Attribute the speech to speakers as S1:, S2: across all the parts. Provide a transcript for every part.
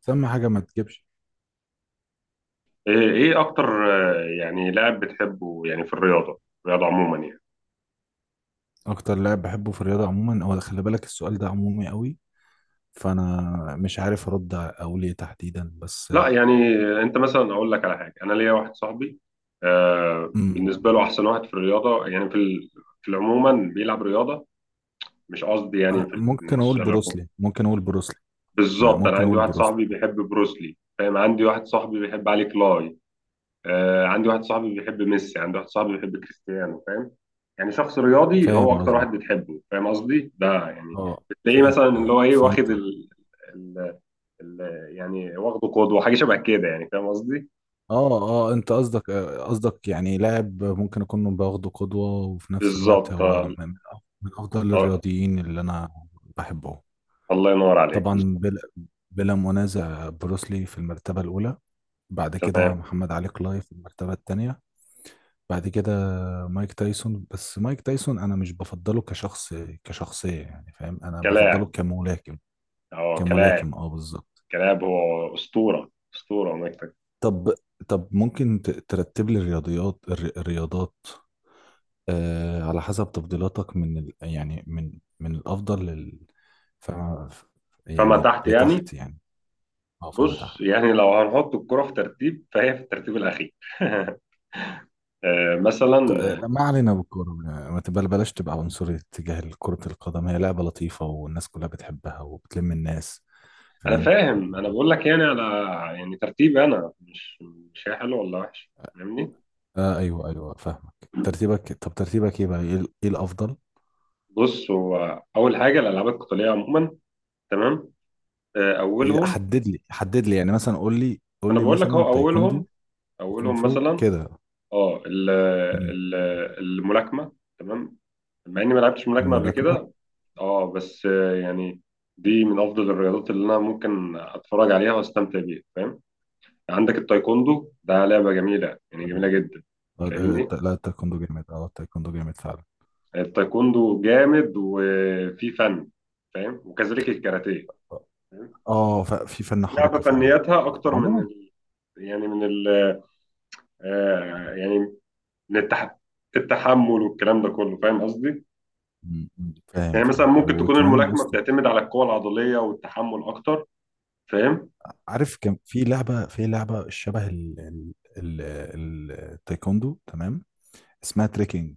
S1: سمي حاجة ما تجيبش.
S2: إيه اكتر. يعني لاعب بتحبه، يعني في الرياضه عموما يعني.
S1: أكتر لاعب بحبه في الرياضة عموما هو، خلي بالك، السؤال ده عمومي قوي، فأنا مش عارف أرد أقول إيه تحديدا بس.
S2: لا يعني انت مثلا اقول لك على حاجه، انا ليا واحد صاحبي آه
S1: مم.
S2: بالنسبه له احسن واحد في الرياضه يعني في العموما بيلعب رياضه، مش قصدي
S1: ممكن أقول
S2: مش
S1: بروسلي ممكن أقول بروسلي آه،
S2: بالظبط. انا
S1: ممكن
S2: عندي
S1: أقول
S2: واحد
S1: بروسلي
S2: صاحبي بيحب بروسلي فاهم، عندي واحد صاحبي بيحب علي كلاي آه، عندي واحد صاحبي بيحب ميسي، عندي واحد صاحبي بيحب كريستيانو فاهم. يعني شخص رياضي هو
S1: فاهم
S2: اكتر
S1: قصدي.
S2: واحد بتحبه فاهم قصدي ده يعني.
S1: أه،
S2: بتلاقيه
S1: فاهم.
S2: مثلا اللي هو ايه واخد
S1: فهمت.
S2: ال... ال... يعني واخده قدوة، حاجة شبه كده يعني، فاهم قصدي؟
S1: أه أه، أنت قصدك، قصدك يعني لاعب ممكن أكون باخده قدوة، وفي نفس الوقت
S2: بالظبط آه،
S1: هو من أفضل
S2: آه،
S1: الرياضيين اللي أنا بحبه.
S2: الله ينور عليك بالظبط.
S1: طبعا بلا منازع بروسلي في المرتبة الأولى، بعد كده
S2: تمام.
S1: محمد علي كلاي في المرتبة التانية، بعد كده مايك تايسون، بس مايك تايسون أنا مش بفضله كشخص، كشخصية يعني، فاهم؟ أنا بفضله
S2: كلاعب،
S1: كملاكم،
S2: اه كلاعب.
S1: كملاكم، أه بالظبط.
S2: كلاعب هو أسطورة، أسطورة ومكتب.
S1: طب طب ممكن ترتب لي الرياضات، آه، على حسب تفضيلاتك، من الأفضل لل، فما
S2: فما
S1: يعني
S2: تحت يعني.
S1: لتحت يعني. أه، فما
S2: بص
S1: تحت.
S2: يعني لو هنحط الكرة في ترتيب فهي في الترتيب الأخير مثلا.
S1: لا، ما علينا بالكورة، ما تبقى بلاش تبقى عنصري تجاه كرة القدم، هي لعبة لطيفة والناس كلها بتحبها وبتلم الناس،
S2: انا
S1: فاهم؟
S2: فاهم، انا بقول لك يعني على يعني ترتيب، انا مش هي حلو ولا وحش فاهمني.
S1: آه، ايوه ايوه، فاهمك. ترتيبك، طب ترتيبك ايه بقى، إيه الافضل؟
S2: بص هو اول حاجه الالعاب القتاليه عموما. تمام. اولهم.
S1: حدد لي يعني، مثلا قول لي قول
S2: انا
S1: لي
S2: بقول لك
S1: مثلا،
S2: اهو
S1: تايكوندو،
S2: اولهم،
S1: كونغ
S2: اولهم
S1: فو
S2: مثلا
S1: كده.
S2: اه
S1: مم.
S2: ال- الملاكمه. تمام. مع اني ما لعبتش ملاكمه قبل
S1: الملاكمة.
S2: كده. اه بس يعني دي من افضل الرياضات اللي انا ممكن اتفرج عليها واستمتع بيها فاهم. عندك التايكوندو ده لعبه جميله يعني، جميله
S1: تمام.
S2: جدا.
S1: آه، آه،
S2: فاهمني.
S1: آه، لا التايكوندو جامد، اه التايكوندو جامد فعلا،
S2: التايكوندو جامد وفي فن، فاهم، وكذلك الكاراتيه. فاهم؟
S1: اه في فن
S2: لعبة
S1: حركة فعلا
S2: فنياتها أكتر من
S1: عموما.
S2: يعني من ال... آه يعني من التح... التحمل والكلام ده كله، فاهم قصدي؟
S1: مم. فاهم
S2: يعني مثلا
S1: فاهم،
S2: ممكن تكون
S1: وكمان يا
S2: الملاكمة
S1: اسطى،
S2: بتعتمد على القوة العضلية والتحمل أكتر، فاهم؟
S1: عارف كان في لعبة شبه التايكوندو، تمام، اسمها تريكنج.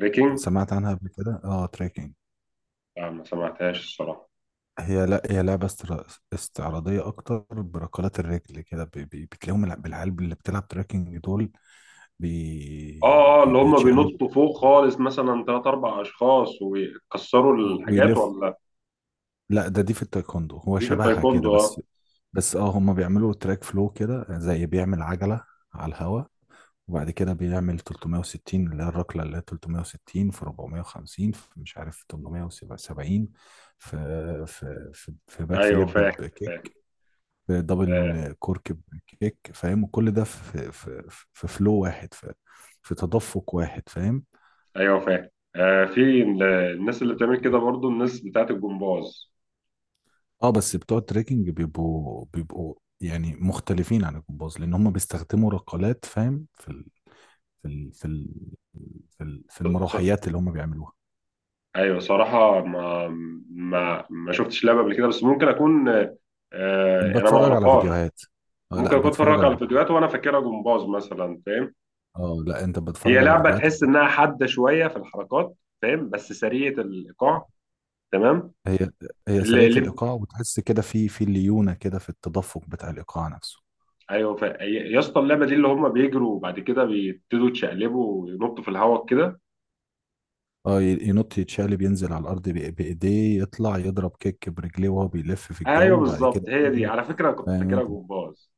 S2: ريكينج.
S1: سمعت عنها قبل كده، اه تريكنج.
S2: لا ما سمعتهاش الصراحة.
S1: هي لا هي لعبة استعراضية أكتر، بركلات الرجل كده، بتلاقيهم العيال اللي بتلعب تريكنج دول
S2: اه اه اللي هم
S1: بيتشقلبوا
S2: بينطوا فوق خالص، مثلا ثلاث اربع اشخاص ويكسروا الحاجات
S1: ويلف.
S2: ولا.
S1: لا، ده دي في التايكوندو، هو
S2: دي في
S1: شبهها كده
S2: التايكوندو اه.
S1: بس، بس اه، هما بيعملوا تراك فلو كده، زي بيعمل عجلة على الهوا، وبعد كده بيعمل 360، اللي هي الركلة اللي هي 360 في 450 في مش عارف 870، في في باك
S2: ايوه
S1: فليب
S2: فاهم فاهم.
S1: بكيك، في
S2: آه،
S1: دبل كورك بكيك، فاهم؟ وكل ده في، في فلو واحد، في في تدفق واحد، فاهم؟
S2: ايوه فاهم. آه في الناس اللي بتعمل كده برضو، الناس بتاعت الجمباز.
S1: اه بس بتوع التريكنج بيبقوا يعني مختلفين عن الجمباز، لان هم بيستخدموا رقالات، فاهم؟ في ال في ال في
S2: ص- ص-
S1: المروحيات اللي هم بيعملوها.
S2: ايوه صراحه ما شفتش لعبه قبل كده، بس ممكن اكون آه. انا ما
S1: بتفرج على
S2: اعرفهاش.
S1: فيديوهات. آه،
S2: ممكن
S1: لا،
S2: اكون
S1: بتفرج
S2: اتفرج على
S1: على،
S2: الفيديوهات وانا فاكرها جمباز مثلا، فاهم.
S1: اه، لا انت
S2: هي
S1: بتتفرج على
S2: لعبه
S1: فيديوهات
S2: تحس انها حاده شويه في الحركات، فاهم، بس سريعه الايقاع. تمام.
S1: هي، هي
S2: اللي,
S1: سريعة
S2: اللي
S1: الايقاع، وتحس كده في، في ليونة كده في التدفق بتاع الايقاع نفسه.
S2: ايوه يا اسطى اللعبه دي اللي هم بيجروا وبعد كده بيبتدوا يتشقلبوا وينطوا في الهواء كده.
S1: اه ينط يتشقلب، ينزل على الارض بايديه، يطلع يضرب كيك برجليه وهو بيلف في الجو،
S2: ايوه
S1: وبعد
S2: بالظبط،
S1: كده
S2: هي دي
S1: ينزل،
S2: على فكره انا كنت
S1: فاهم
S2: فاكرها
S1: انت؟
S2: جمباز.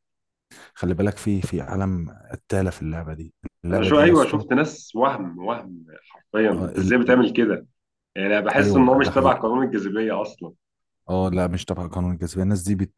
S1: خلي بالك في، في عالم قتالة في اللعبة دي،
S2: انا
S1: اللعبة
S2: شو
S1: دي يا
S2: ايوه
S1: اسطى.
S2: شفت ناس وهم حرفيا،
S1: اه
S2: انت ازاي بتعمل كده؟ يعني انا بحس ان هو
S1: ايوه،
S2: مش
S1: ده
S2: تبع
S1: حقيقي.
S2: قانون الجاذبيه اصلا.
S1: اه لا مش تبع قانون الجاذبية، الناس دي بت...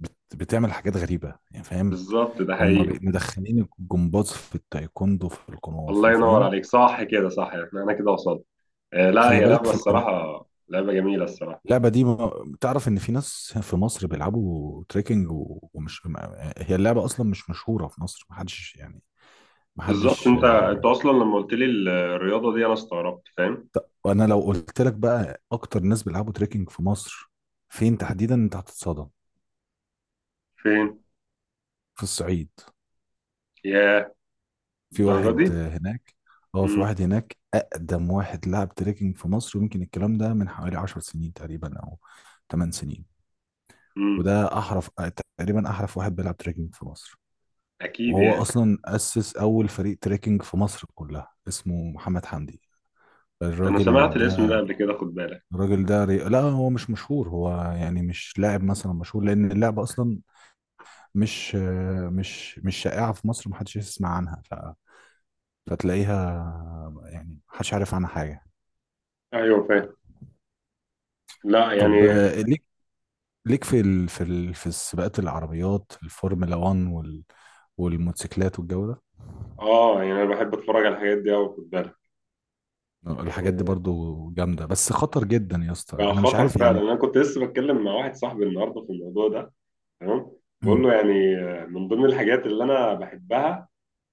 S1: بت... بتعمل حاجات غريبة يعني، فاهم؟
S2: بالظبط ده
S1: هم
S2: حقيقي.
S1: مدخلين الجمباز في التايكوندو، في الكونغ
S2: الله
S1: فو،
S2: ينور
S1: فاهم؟
S2: عليك، صح كده صح، احنا انا كده وصلت. آه لا
S1: خلي
S2: هي
S1: بالك
S2: لعبه
S1: في
S2: الصراحه، لعبه جميله الصراحه.
S1: اللعبة دي، تعرف ان في ناس في مصر بيلعبوا تريكنج، و- ومش ما- هي اللعبة اصلا مش مشهورة في مصر، محدش يعني،
S2: بالظبط،
S1: محدش،
S2: انت
S1: آه.
S2: اصلا لما قلت لي الرياضه دي انا استغربت، فاهم؟
S1: وانا لو قلت لك بقى اكتر ناس بيلعبوا تريكنج في مصر فين تحديدا انت هتتصدم،
S2: فين؟
S1: في الصعيد.
S2: يا،
S1: في
S2: الدرجه
S1: واحد،
S2: دي.
S1: آه، هناك، اه في
S2: امم
S1: واحد هناك اقدم واحد لعب تريكنج في مصر، ويمكن الكلام ده من حوالي 10 سنين تقريبا، او 8 سنين،
S2: امم
S1: وده احرف تقريبا، احرف واحد بيلعب تريكنج في مصر،
S2: اكيد
S1: وهو
S2: يعني.
S1: اصلا اسس اول فريق تريكنج في مصر كلها، اسمه محمد حمدي.
S2: انا سمعت
S1: الراجل
S2: الاسم
S1: ده،
S2: ده قبل كده خد بالك.
S1: الراجل ده لا هو مش مشهور، هو يعني مش لاعب مثلا مشهور، لان اللعبه اصلا مش مش شائعه في مصر، محدش يسمع عنها، فتلاقيها يعني محدش عارف عنها حاجه.
S2: ايوه فاهم. لا
S1: طب،
S2: يعني
S1: آه، ليك، ليك في في السباقات، العربيات، الفورمولا 1 والموتوسيكلات والجو ده.
S2: اه. يعني انا بحب اتفرج على الحاجات دي قوي، خد بالك.
S1: الحاجات دي
S2: يعني
S1: برضو جامده، بس خطر جدا يا اسطى،
S2: بقى
S1: انا مش
S2: خطر
S1: عارف
S2: فعلا،
S1: يعني.
S2: انا كنت لسه بتكلم مع واحد صاحبي النهارده في الموضوع ده. تمام. بقول
S1: مم.
S2: له يعني، من ضمن الحاجات اللي انا بحبها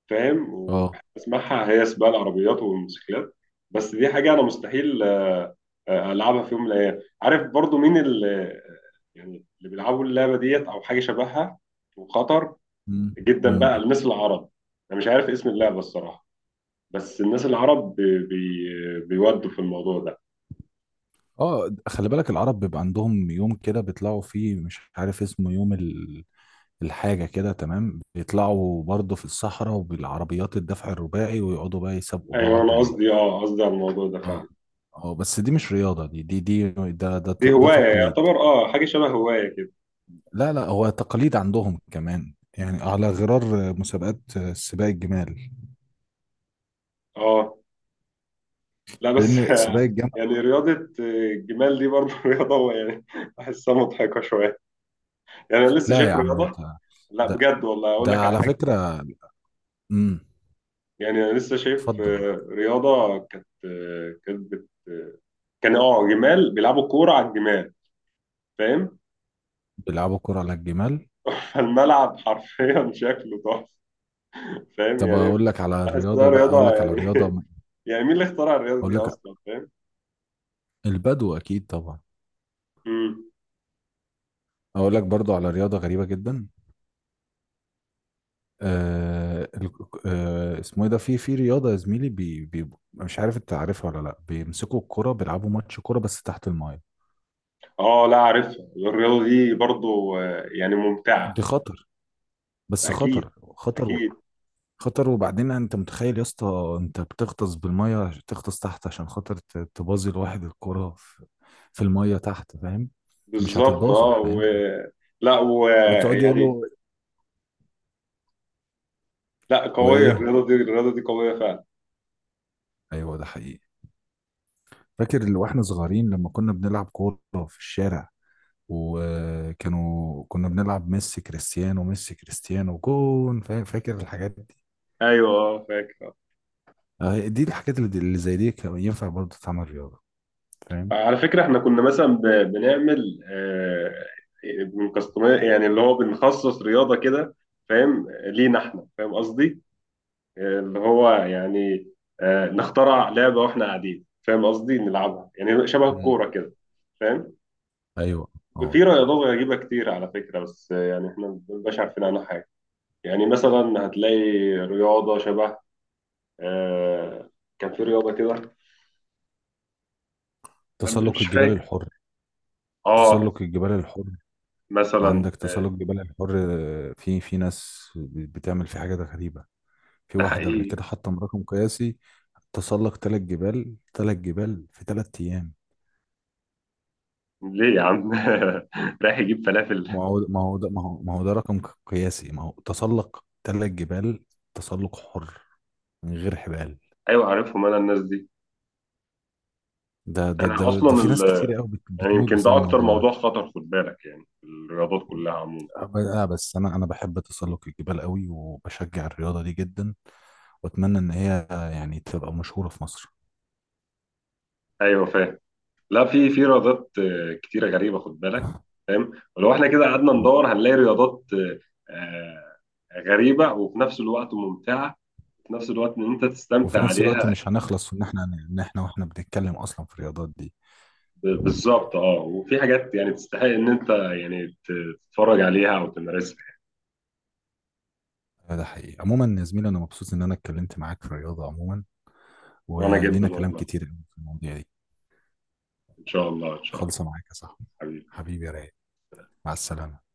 S2: فاهم،
S1: اه.
S2: وبحب اسمعها هي سباق العربيات والموتوسيكلات. بس دي حاجه انا مستحيل العبها في يوم من الايام، عارف برضو مين اللي يعني اللي بيلعبوا اللعبه ديت او حاجه شبهها، وخطر
S1: مم.
S2: جدا
S1: مم.
S2: بقى الناس العرب. انا مش عارف اسم اللعبه الصراحه، بس الناس العرب بي بي بيودوا في الموضوع ده.
S1: اه خلي بالك، العرب بيبقى عندهم يوم كده بيطلعوا فيه، مش عارف اسمه، يوم الحاجة كده، تمام، بيطلعوا برضه في الصحراء وبالعربيات الدفع الرباعي، ويقعدوا بقى يسابقوا
S2: ايوه
S1: بعض
S2: انا قصدي اه قصدي على الموضوع ده
S1: اه،
S2: فعلا.
S1: اه بس دي مش رياضة، دي دي دي ده ده
S2: دي
S1: ت- ده
S2: هواية
S1: تقليد.
S2: يعتبر، اه حاجة شبه هواية كده.
S1: لا لا، هو تقليد عندهم كمان، يعني على غرار مسابقات سباق الجمال.
S2: اه لا بس
S1: لأن سباق الجمل،
S2: يعني رياضة، الجمال دي برضه رياضة يعني. بحسها مضحكة شوية، يعني أنا لسه
S1: لا يا
S2: شايف
S1: عم انت،
S2: رياضة. لا
S1: ده
S2: بجد والله أقول لك
S1: ده
S2: على
S1: على
S2: حاجة.
S1: فكرة. امم.
S2: يعني أنا لسه شايف
S1: اتفضل.
S2: رياضة كانت آه، كانت بت... آه، كان اه جمال بيلعبوا كورة على الجمال فاهم.
S1: بيلعبوا كرة على الجمال.
S2: فالملعب حرفيا شكله تحفة، فاهم
S1: طب
S2: يعني.
S1: اقول لك على رياضة
S2: بحسها
S1: بقى اقول
S2: رياضة
S1: لك على
S2: يعني
S1: رياضة
S2: يعني مين اللي اخترع الرياضة
S1: اقول
S2: دي
S1: لك،
S2: أصلا فاهم.
S1: البدو اكيد طبعا.
S2: مم.
S1: اقول لك برضو على رياضة غريبة جدا، آه ال... آه، اسمه ايه ده، في في رياضة يا زميلي، مش عارف انت عارفها ولا لا، بيمسكوا الكرة بيلعبوا ماتش كرة بس تحت الماية.
S2: اه لا عارفها الرياضة دي برضو، يعني ممتعة.
S1: دي خطر، بس
S2: أكيد.
S1: خطر، خطر و،
S2: أكيد.
S1: خطر. وبعدين انت متخيل يا اسطى انت بتغطس بالمية، تغطس تحت عشان خاطر تبازي لواحد الكرة في، في المية تحت، فاهم؟ مش
S2: بالظبط
S1: هتتبازه،
S2: اه و.
S1: فاهم؟
S2: لا و
S1: وانت قاعد يقول
S2: يعني.
S1: له،
S2: لا قوية
S1: وايه.
S2: الرياضة دي، الرياضة دي قوية فعلا.
S1: ايوه، ده حقيقي. فاكر اللي واحنا صغيرين لما كنا بنلعب كوره في الشارع، وكانوا كنا بنلعب ميسي كريستيانو، ميسي كريستيانو، جون فاكر الحاجات دي؟
S2: أيوه اه فاكر.
S1: آه، دي الحاجات اللي، زي دي، كان ينفع برضه تعمل رياضه، فاهم؟
S2: على فكرة احنا كنا مثلا بنعمل بنكستمايز، يعني اللي هو بنخصص رياضة كده، فاهم لينا احنا، فاهم قصدي. اللي هو يعني نخترع لعبة واحنا قاعدين، فاهم قصدي، نلعبها يعني شبه
S1: مم.
S2: الكورة كده، فاهم.
S1: ايوه. اه.
S2: في رياضات غريبة كتير على فكرة، بس يعني احنا ما بنبقاش عارفين عنها حاجة. يعني مثلا هتلاقي رياضة شبه آه، كان في رياضة كده.
S1: تسلق
S2: مش
S1: الجبال
S2: فاكر.
S1: الحر.
S2: اه
S1: تسلق الجبال الحر.
S2: مثلا.
S1: عندك تسلق جبال الحر، آه، في في ناس بتعمل في حاجات غريبه، في
S2: ده
S1: واحد قبل
S2: حقيقي.
S1: كده حطم رقم قياسي، تسلق ثلاث جبال، ثلاث جبال في ثلاث ايام.
S2: ليه يا عم؟ رايح يجيب فلافل.
S1: ما هو ما هو ده ما هو ما هو ده رقم قياسي، ما هو تسلق ثلاث جبال، تسلق حر، من غير حبال.
S2: ايوه عارفهم انا الناس دي.
S1: ده ده
S2: انا
S1: ده ده
S2: اصلا
S1: في ناس كتير قوي
S2: يعني
S1: بتموت
S2: يمكن
S1: بسبب
S2: ده اكتر
S1: الموضوع ده.
S2: موضوع خطر خد بالك، يعني في الرياضات كلها عموما.
S1: آه، بس انا، انا بحب تسلق الجبال قوي، وبشجع الرياضه دي جدا، واتمنى ان هي يعني تبقى مشهوره في مصر.
S2: ايوه فاهم. لا في رياضات كتيرة غريبة خد بالك، فاهم. ولو احنا كده قعدنا
S1: مم.
S2: ندور هنلاقي رياضات غريبة وفي نفس الوقت ممتعة، وفي نفس الوقت ان انت
S1: وفي
S2: تستمتع
S1: نفس الوقت
S2: عليها.
S1: مش هنخلص، ان احنا، ان احنا واحنا بنتكلم اصلا في الرياضات دي.
S2: بالظبط اه، وفي حاجات يعني تستحق ان انت تتفرج عليها او تمارسها.
S1: لا، ده حقيقي، عموما يا زميلي انا مبسوط ان انا اتكلمت معاك في الرياضه عموما،
S2: وانا جدا
S1: ولينا كلام
S2: والله.
S1: كتير في المواضيع دي،
S2: ان شاء الله ان شاء الله.
S1: خالصه معاك يا صاحبي.
S2: حبيبي.
S1: حبيبي يا رايق، مع السلامه.